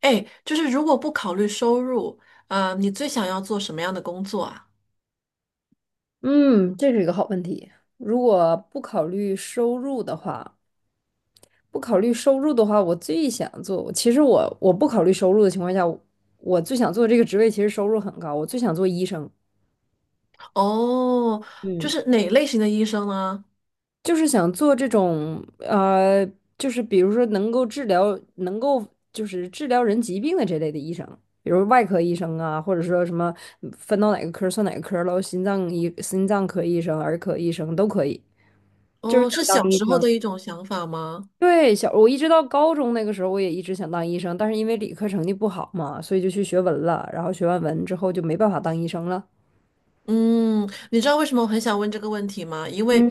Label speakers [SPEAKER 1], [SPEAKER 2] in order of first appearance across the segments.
[SPEAKER 1] 哎，就是如果不考虑收入，啊，你最想要做什么样的工作啊？
[SPEAKER 2] 嗯，这是一个好问题。如果不考虑收入的话，我最想做，其实我不考虑收入的情况下，我最想做这个职位，其实收入很高，我最想做医生。
[SPEAKER 1] 哦，就
[SPEAKER 2] 嗯，
[SPEAKER 1] 是哪类型的医生呢？
[SPEAKER 2] 就是想做这种就是比如说能够治疗，能够就是治疗人疾病的这类的医生，比如外科医生啊，或者说什么分到哪个科儿算哪个科儿喽，心脏科医生、儿科医生都可以，就是
[SPEAKER 1] 哦，
[SPEAKER 2] 想
[SPEAKER 1] 是小
[SPEAKER 2] 当医
[SPEAKER 1] 时候的
[SPEAKER 2] 生。
[SPEAKER 1] 一种想法吗？
[SPEAKER 2] 对，我一直到高中那个时候，我也一直想当医生，但是因为理科成绩不好嘛，所以就去学文了。然后学完文之后就没办法当医生了，
[SPEAKER 1] 嗯，你知道为什么我很想问这个问题吗？因为，
[SPEAKER 2] 嗯，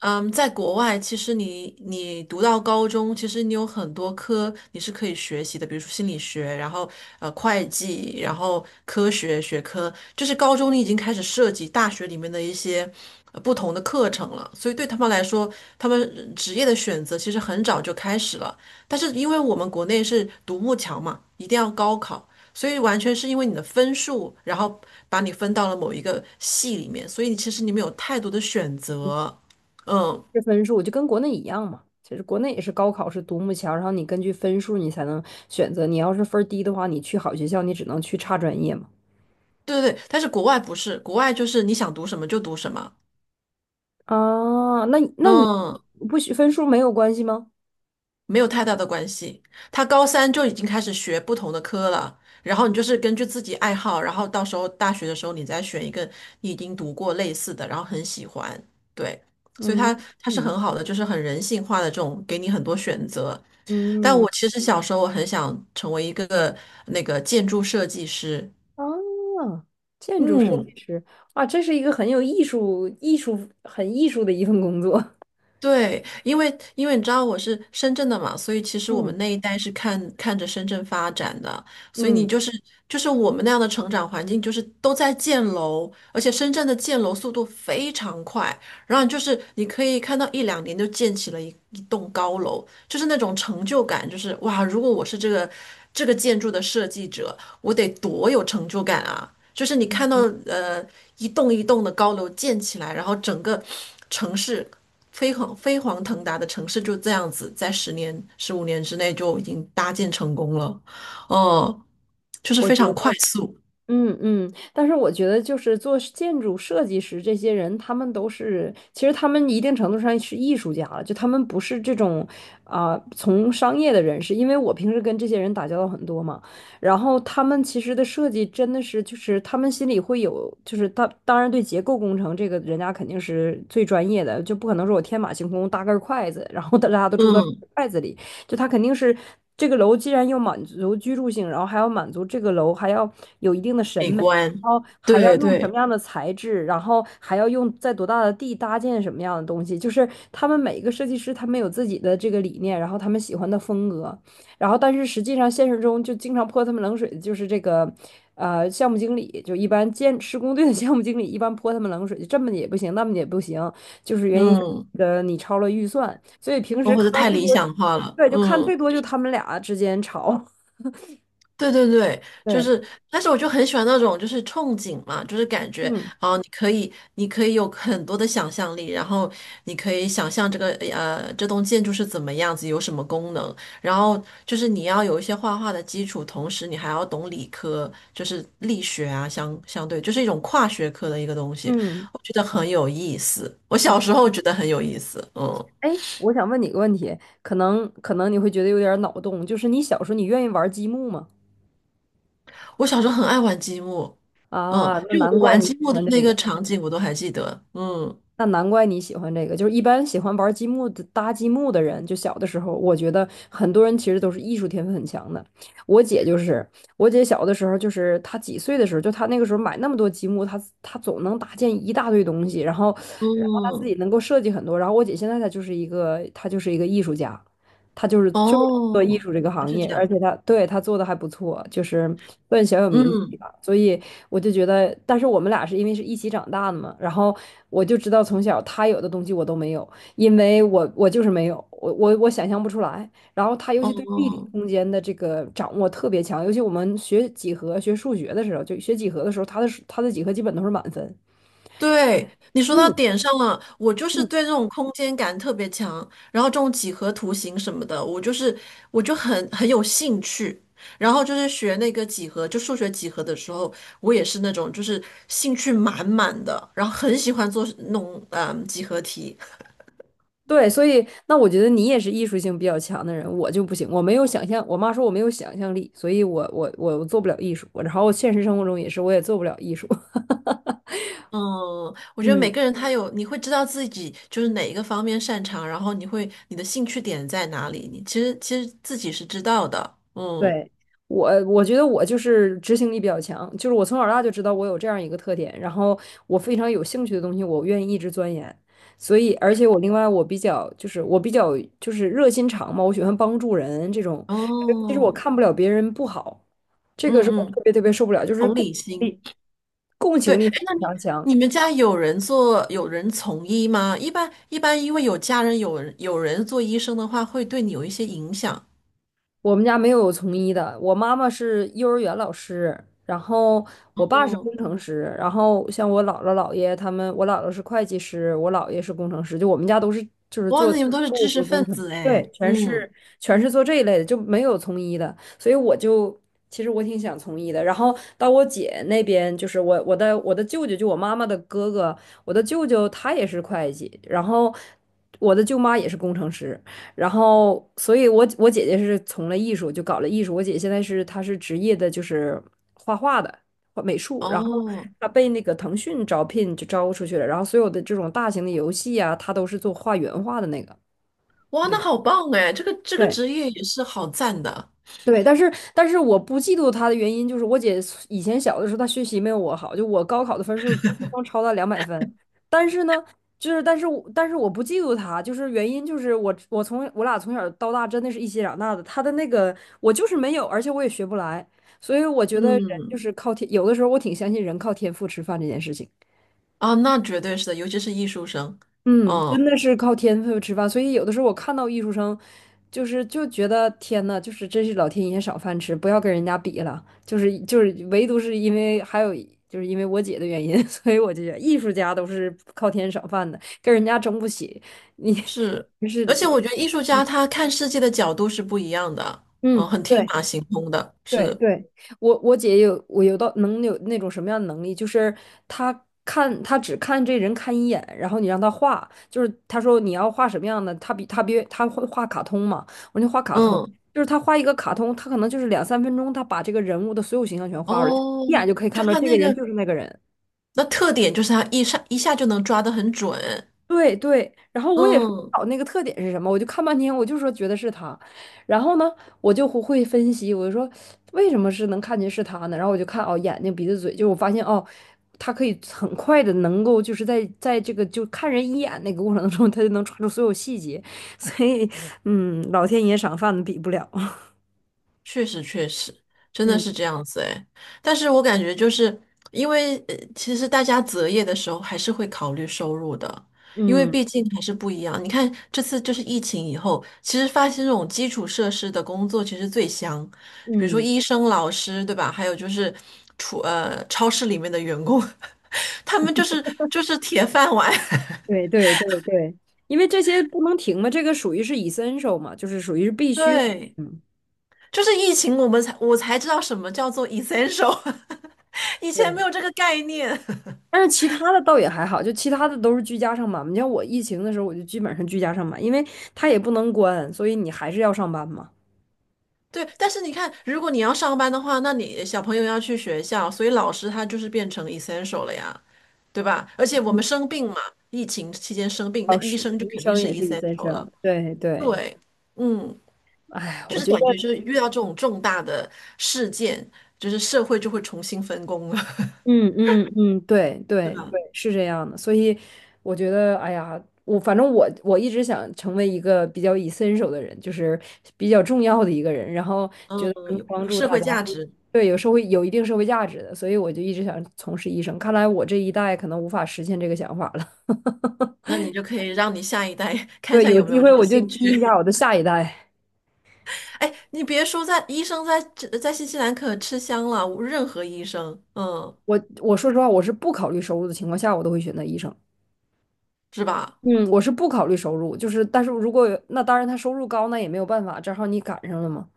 [SPEAKER 1] 嗯，在国外，其实你读到高中，其实你有很多科你是可以学习的，比如说心理学，然后会计，然后科学学科，就是高中你已经开始涉及大学里面的一些不同的课程了。所以对他们来说，他们职业的选择其实很早就开始了。但是因为我们国内是独木桥嘛，一定要高考。所以完全是因为你的分数，然后把你分到了某一个系里面，所以其实你没有太多的选择。嗯，
[SPEAKER 2] 这分数就跟国内一样嘛。其实国内也是高考是独木桥，然后你根据分数你才能选择。你要是分儿低的话，你去好学校，你只能去差专业嘛。
[SPEAKER 1] 对对对，但是国外不是，国外就是你想读什么就读什么，
[SPEAKER 2] 啊，那你
[SPEAKER 1] 嗯，
[SPEAKER 2] 不许分数没有关系吗？
[SPEAKER 1] 没有太大的关系。他高三就已经开始学不同的科了，然后你就是根据自己爱好，然后到时候大学的时候你再选一个你已经读过类似的，然后很喜欢，对，所以
[SPEAKER 2] 嗯
[SPEAKER 1] 他他是
[SPEAKER 2] 嗯
[SPEAKER 1] 很好的，就是很人性化的这种，给你很多选择。但
[SPEAKER 2] 嗯
[SPEAKER 1] 我其实小时候我很想成为一个那个建筑设计师，
[SPEAKER 2] 啊，建筑设计
[SPEAKER 1] 嗯，
[SPEAKER 2] 师啊，这是一个很有艺术很艺术的一份工作。
[SPEAKER 1] 对，因为你知道我是深圳的嘛，所以其实我
[SPEAKER 2] 嗯
[SPEAKER 1] 们那一代是看着深圳发展的，所以你
[SPEAKER 2] 嗯，
[SPEAKER 1] 就是我们那样的成长环境，就是都在建楼，而且深圳的建楼速度非常快，然后就是你可以看到1、2年就建起了一栋高楼，就是那种成就感，就是哇，如果我是这个建筑的设计者，我得多有成就感啊！就是你看到呃一栋一栋的高楼建起来，然后整个城市。飞黄腾达的城市就这样子，在10年、15年之内就已经搭建成功了，嗯，就是
[SPEAKER 2] 我
[SPEAKER 1] 非
[SPEAKER 2] 觉得，
[SPEAKER 1] 常快速，
[SPEAKER 2] 但是我觉得就是做建筑设计师这些人，他们都是，其实他们一定程度上是艺术家了，就他们不是这种从商业的人士，因为我平时跟这些人打交道很多嘛，然后他们其实的设计真的是，就是他们心里会有，就是他当然对结构工程这个人家肯定是最专业的，就不可能说我天马行空搭根筷子，然后大家都住到
[SPEAKER 1] 嗯，
[SPEAKER 2] 筷子里。就他肯定是这个楼既然要满足居住性，然后还要满足这个楼还要有一定的审
[SPEAKER 1] 美
[SPEAKER 2] 美，然
[SPEAKER 1] 观，
[SPEAKER 2] 后还要
[SPEAKER 1] 对
[SPEAKER 2] 用什么
[SPEAKER 1] 对，
[SPEAKER 2] 样的材质，然后还要用在多大的地搭建什么样的东西，就是他们每一个设计师他们有自己的这个理念，然后他们喜欢的风格，然后但是实际上现实中就经常泼他们冷水的就是这个。项目经理就一般建施工队的项目经理一般泼他们冷水，就这么也不行，那么也不行，就是原因
[SPEAKER 1] 嗯，
[SPEAKER 2] 你超了预算，所以平
[SPEAKER 1] 哦
[SPEAKER 2] 时
[SPEAKER 1] 或
[SPEAKER 2] 看
[SPEAKER 1] 者
[SPEAKER 2] 到
[SPEAKER 1] 太
[SPEAKER 2] 最多
[SPEAKER 1] 理想化了，
[SPEAKER 2] 对，就看
[SPEAKER 1] 嗯。
[SPEAKER 2] 最多就他们俩之间吵。
[SPEAKER 1] 对对对，就
[SPEAKER 2] 对，
[SPEAKER 1] 是，但是我就很喜欢那种就是憧憬嘛，就是感觉
[SPEAKER 2] 嗯
[SPEAKER 1] 啊、你可以，你可以有很多的想象力，然后你可以想象这个这栋建筑是怎么样子，有什么功能，然后就是你要有一些画画的基础，同时你还要懂理科，就是力学啊，相对就是一种跨学科的一个东西，
[SPEAKER 2] 嗯
[SPEAKER 1] 我觉得很有意思。我
[SPEAKER 2] 嗯。
[SPEAKER 1] 小时候觉得很有意思，嗯，
[SPEAKER 2] 哎，我想问你个问题，可能你会觉得有点脑洞，就是你小时候你愿意玩积木吗？
[SPEAKER 1] 我小时候很爱玩积木，嗯，
[SPEAKER 2] 啊，那
[SPEAKER 1] 就
[SPEAKER 2] 难
[SPEAKER 1] 我
[SPEAKER 2] 怪
[SPEAKER 1] 玩
[SPEAKER 2] 你
[SPEAKER 1] 积
[SPEAKER 2] 喜
[SPEAKER 1] 木的
[SPEAKER 2] 欢
[SPEAKER 1] 那
[SPEAKER 2] 这
[SPEAKER 1] 个
[SPEAKER 2] 个。
[SPEAKER 1] 场景我都还记得，嗯。
[SPEAKER 2] 那难怪你喜欢这个，就是一般喜欢玩积木的、搭积木的人，就小的时候，我觉得很多人其实都是艺术天分很强的。我姐就是，我姐小的时候，就是她几岁的时候，就她那个时候买那么多积木，她总能搭建一大堆东西，然后，然后她自
[SPEAKER 1] 嗯，
[SPEAKER 2] 己能够设计很多。然后我姐现在她就是一个，她就是一个艺术家。他就是做
[SPEAKER 1] 哦，
[SPEAKER 2] 艺术这个行
[SPEAKER 1] 是
[SPEAKER 2] 业，
[SPEAKER 1] 这
[SPEAKER 2] 而
[SPEAKER 1] 样，
[SPEAKER 2] 且他对他做的还不错，就是算小有名气
[SPEAKER 1] 嗯，
[SPEAKER 2] 吧。所以我就觉得，但是我们俩是因为是一起长大的嘛，然后我就知道从小他有的东西我都没有，因为我就是没有，我想象不出来。然后他尤其对立体
[SPEAKER 1] 哦，
[SPEAKER 2] 空间的这个掌握特别强，尤其我们学几何、学数学的时候，就学几何的时候，他的几何基本都是满分。
[SPEAKER 1] 对，你说到
[SPEAKER 2] 嗯，
[SPEAKER 1] 点上了，我就是对这种空间感特别强，然后这种几何图形什么的，我就是很很有兴趣，然后就是学那个几何，就数学几何的时候，我也是那种就是兴趣满满的，然后很喜欢做那种几何题，
[SPEAKER 2] 对，所以那我觉得你也是艺术性比较强的人，我就不行，我没有想象。我妈说我没有想象力，所以我做不了艺术。然后现实生活中也是，我也做不了艺术。
[SPEAKER 1] 嗯，我觉得每
[SPEAKER 2] 嗯。
[SPEAKER 1] 个人他有，你会知道自己就是哪一个方面擅长，然后你会你的兴趣点在哪里，你其实自己是知道的。嗯，
[SPEAKER 2] 对，我觉得我就是执行力比较强，就是我从小到大就知道我有这样一个特点，然后我非常有兴趣的东西，我愿意一直钻研。所以，而且我另外我比较就是热心肠嘛，我喜欢帮助人这种。其实我
[SPEAKER 1] 哦，
[SPEAKER 2] 看不了别人不好，这个
[SPEAKER 1] 嗯
[SPEAKER 2] 是我特
[SPEAKER 1] 嗯，
[SPEAKER 2] 别特别受不了，就是
[SPEAKER 1] 同理
[SPEAKER 2] 情
[SPEAKER 1] 心。
[SPEAKER 2] 力共
[SPEAKER 1] 对，
[SPEAKER 2] 情力
[SPEAKER 1] 哎
[SPEAKER 2] 非
[SPEAKER 1] 那你
[SPEAKER 2] 常强。
[SPEAKER 1] 你们家有人从医吗？一般一般，因为有家人有人做医生的话，会对你有一些影响。
[SPEAKER 2] 我们家没有从医的，我妈妈是幼儿园老师，然后我爸是
[SPEAKER 1] 嗯，
[SPEAKER 2] 工程师，然后像我姥姥姥爷他们，我姥姥是会计师，我姥爷是工程师，就我们家都是就是
[SPEAKER 1] 哇，
[SPEAKER 2] 做。
[SPEAKER 1] 那你们都是知识分子哎。
[SPEAKER 2] 对，
[SPEAKER 1] 嗯，
[SPEAKER 2] 全是做这一类的，就没有从医的，所以我就其实我挺想从医的。然后到我姐那边，就是我的舅舅，就我妈妈的哥哥，我的舅舅他也是会计，然后我的舅妈也是工程师，然后所以我姐姐是从了艺术，就搞了艺术。我姐现在是她是职业的，就是画画的。画美术，然后
[SPEAKER 1] 哦，
[SPEAKER 2] 她被那个腾讯招聘就招出去了，然后所有的这种大型的游戏啊，她都是做画原画的那个。
[SPEAKER 1] 哇，那
[SPEAKER 2] 对。
[SPEAKER 1] 好棒哎，这个
[SPEAKER 2] 对，
[SPEAKER 1] 职业也是好赞的。
[SPEAKER 2] 对，但是我不嫉妒她的原因就是我姐以前小的时候她学习没有我好，就我高考的分数轻松超她200分，但是呢，但是我不嫉妒她，就是原因就是我从我俩从小到大真的是一起长大的，她的那个我就是没有，而且我也学不来，所以我觉得人就
[SPEAKER 1] 嗯。
[SPEAKER 2] 是靠天，有的时候我挺相信人靠天赋吃饭这件事情。
[SPEAKER 1] 啊，那绝对是的，尤其是艺术生，
[SPEAKER 2] 嗯，
[SPEAKER 1] 嗯，
[SPEAKER 2] 真的是靠天赋吃饭，所以有的时候我看到艺术生，就觉得天呐，就是真是老天爷赏饭吃，不要跟人家比了。唯独是因为还有就是因为我姐的原因，所以我就觉得艺术家都是靠天赏饭的，跟人家争不起。你
[SPEAKER 1] 是，
[SPEAKER 2] 就
[SPEAKER 1] 而
[SPEAKER 2] 是，
[SPEAKER 1] 且我觉得艺术家他看世界的角度是不一样的，嗯，
[SPEAKER 2] 嗯，
[SPEAKER 1] 很天
[SPEAKER 2] 对。
[SPEAKER 1] 马行空的，是
[SPEAKER 2] 对
[SPEAKER 1] 的，
[SPEAKER 2] 对，我我姐有我有到能有那种什么样的能力，就是她只看这人看一眼，然后你让她画，就是她说你要画什么样的，她比她别她会画卡通嘛，我就画卡通，
[SPEAKER 1] 嗯，
[SPEAKER 2] 就是她画一个卡通，她可能就是两三分钟，她把这个人物的所有形象全画出来，
[SPEAKER 1] 哦，
[SPEAKER 2] 一眼就可以看
[SPEAKER 1] 就
[SPEAKER 2] 出来
[SPEAKER 1] 他
[SPEAKER 2] 这个
[SPEAKER 1] 那
[SPEAKER 2] 人
[SPEAKER 1] 个
[SPEAKER 2] 就是那个人。
[SPEAKER 1] 那特点就是他一下一下就能抓得很准，
[SPEAKER 2] 对对，然后我也说不
[SPEAKER 1] 嗯，
[SPEAKER 2] 好那个特点是什么，我就看半天，我就说觉得是他，然后呢，我就会分析，我就说为什么是能看见是他呢？然后我就看哦，眼睛、鼻子、嘴，就是我发现哦，他可以很快的能够就是在这个就看人一眼那个过程中，他就能抓住所有细节，所以嗯，老天爷赏饭的比不了。
[SPEAKER 1] 确实，确实，真的
[SPEAKER 2] 嗯
[SPEAKER 1] 是这样子哎。但是我感觉就是因为，其实大家择业的时候还是会考虑收入的，因为
[SPEAKER 2] 嗯
[SPEAKER 1] 毕竟还是不一样。你看这次就是疫情以后，其实发现这种基础设施的工作其实最香，比如说
[SPEAKER 2] 嗯，
[SPEAKER 1] 医生、老师，对吧？还有就是超市里面的员工，他们就是铁饭碗。
[SPEAKER 2] 对对对对，因为这些不能停嘛，这个属于是 essential 嘛，就是属于是必 须。
[SPEAKER 1] 对，
[SPEAKER 2] 嗯，
[SPEAKER 1] 就是疫情我才知道什么叫做 essential，以前没
[SPEAKER 2] 对。
[SPEAKER 1] 有这个概念。
[SPEAKER 2] 但是其他的倒也还好，就其他的都是居家上班嘛。你像我疫情的时候，我就基本上居家上班，因为他也不能关，所以你还是要上班嘛。
[SPEAKER 1] 对，但是你看，如果你要上班的话，那你小朋友要去学校，所以老师他就是变成 essential 了呀，对吧？而且我们
[SPEAKER 2] 嗯，
[SPEAKER 1] 生病嘛，疫情期间生病，那
[SPEAKER 2] 倒
[SPEAKER 1] 医
[SPEAKER 2] 是，
[SPEAKER 1] 生就
[SPEAKER 2] 医
[SPEAKER 1] 肯定
[SPEAKER 2] 生
[SPEAKER 1] 是
[SPEAKER 2] 也是一线
[SPEAKER 1] essential 了。
[SPEAKER 2] 生。对对，
[SPEAKER 1] 对，嗯，
[SPEAKER 2] 哎，
[SPEAKER 1] 就
[SPEAKER 2] 我
[SPEAKER 1] 是
[SPEAKER 2] 觉
[SPEAKER 1] 感觉就
[SPEAKER 2] 得。
[SPEAKER 1] 是遇到这种重大的事件，就是社会就会重新分工了，
[SPEAKER 2] 嗯嗯嗯，对
[SPEAKER 1] 对
[SPEAKER 2] 对
[SPEAKER 1] 吧？
[SPEAKER 2] 对，是这样的。所以我觉得，哎呀，我反正我一直想成为一个比较以身手的人，就是比较重要的一个人，然后
[SPEAKER 1] 嗯，
[SPEAKER 2] 觉得能
[SPEAKER 1] 有
[SPEAKER 2] 帮
[SPEAKER 1] 有
[SPEAKER 2] 助
[SPEAKER 1] 社
[SPEAKER 2] 大
[SPEAKER 1] 会
[SPEAKER 2] 家，
[SPEAKER 1] 价值，
[SPEAKER 2] 对，有一定社会价值的，所以我就一直想从事医生。看来我这一代可能无法实现这个想法了。
[SPEAKER 1] 那你就可以让你下一代 看一
[SPEAKER 2] 对，
[SPEAKER 1] 下
[SPEAKER 2] 有
[SPEAKER 1] 有没
[SPEAKER 2] 机
[SPEAKER 1] 有
[SPEAKER 2] 会
[SPEAKER 1] 这个
[SPEAKER 2] 我就
[SPEAKER 1] 兴
[SPEAKER 2] 激一
[SPEAKER 1] 趣。
[SPEAKER 2] 下我的下一代。
[SPEAKER 1] 哎，你别说在医生在新西兰可吃香了，任何医生，嗯。
[SPEAKER 2] 我说实话，我是不考虑收入的情况下，我都会选择医生。
[SPEAKER 1] 是吧？
[SPEAKER 2] 嗯，我是不考虑收入，就是但是如果有那当然他收入高，那也没有办法，正好你赶上了嘛。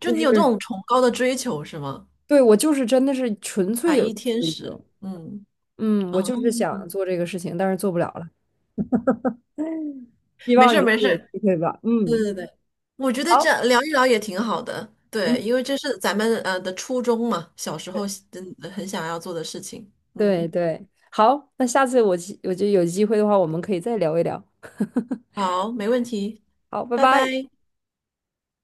[SPEAKER 1] 就
[SPEAKER 2] 就
[SPEAKER 1] 你有这
[SPEAKER 2] 是
[SPEAKER 1] 种崇高的追求是吗？
[SPEAKER 2] 对我就是真的是纯粹
[SPEAKER 1] 白
[SPEAKER 2] 有
[SPEAKER 1] 衣
[SPEAKER 2] 这个
[SPEAKER 1] 天
[SPEAKER 2] 追
[SPEAKER 1] 使，
[SPEAKER 2] 求，
[SPEAKER 1] 嗯
[SPEAKER 2] 嗯，我就是
[SPEAKER 1] 嗯，
[SPEAKER 2] 想做这个事情，但是做不了了，希
[SPEAKER 1] 没
[SPEAKER 2] 望
[SPEAKER 1] 事儿
[SPEAKER 2] 以
[SPEAKER 1] 没
[SPEAKER 2] 后
[SPEAKER 1] 事
[SPEAKER 2] 有
[SPEAKER 1] 儿，
[SPEAKER 2] 机会吧，
[SPEAKER 1] 对
[SPEAKER 2] 嗯，
[SPEAKER 1] 对对，我觉得这
[SPEAKER 2] 好，
[SPEAKER 1] 样聊一聊也挺好的，对，
[SPEAKER 2] 嗯，
[SPEAKER 1] 因为这是咱们的初衷嘛，小时候
[SPEAKER 2] 对
[SPEAKER 1] 真的很想要做的事情，
[SPEAKER 2] 对
[SPEAKER 1] 嗯，
[SPEAKER 2] 对，好，那下次我觉得有机会的话，我们可以再聊一聊，
[SPEAKER 1] 好，没问题，
[SPEAKER 2] 好，拜
[SPEAKER 1] 拜
[SPEAKER 2] 拜。
[SPEAKER 1] 拜。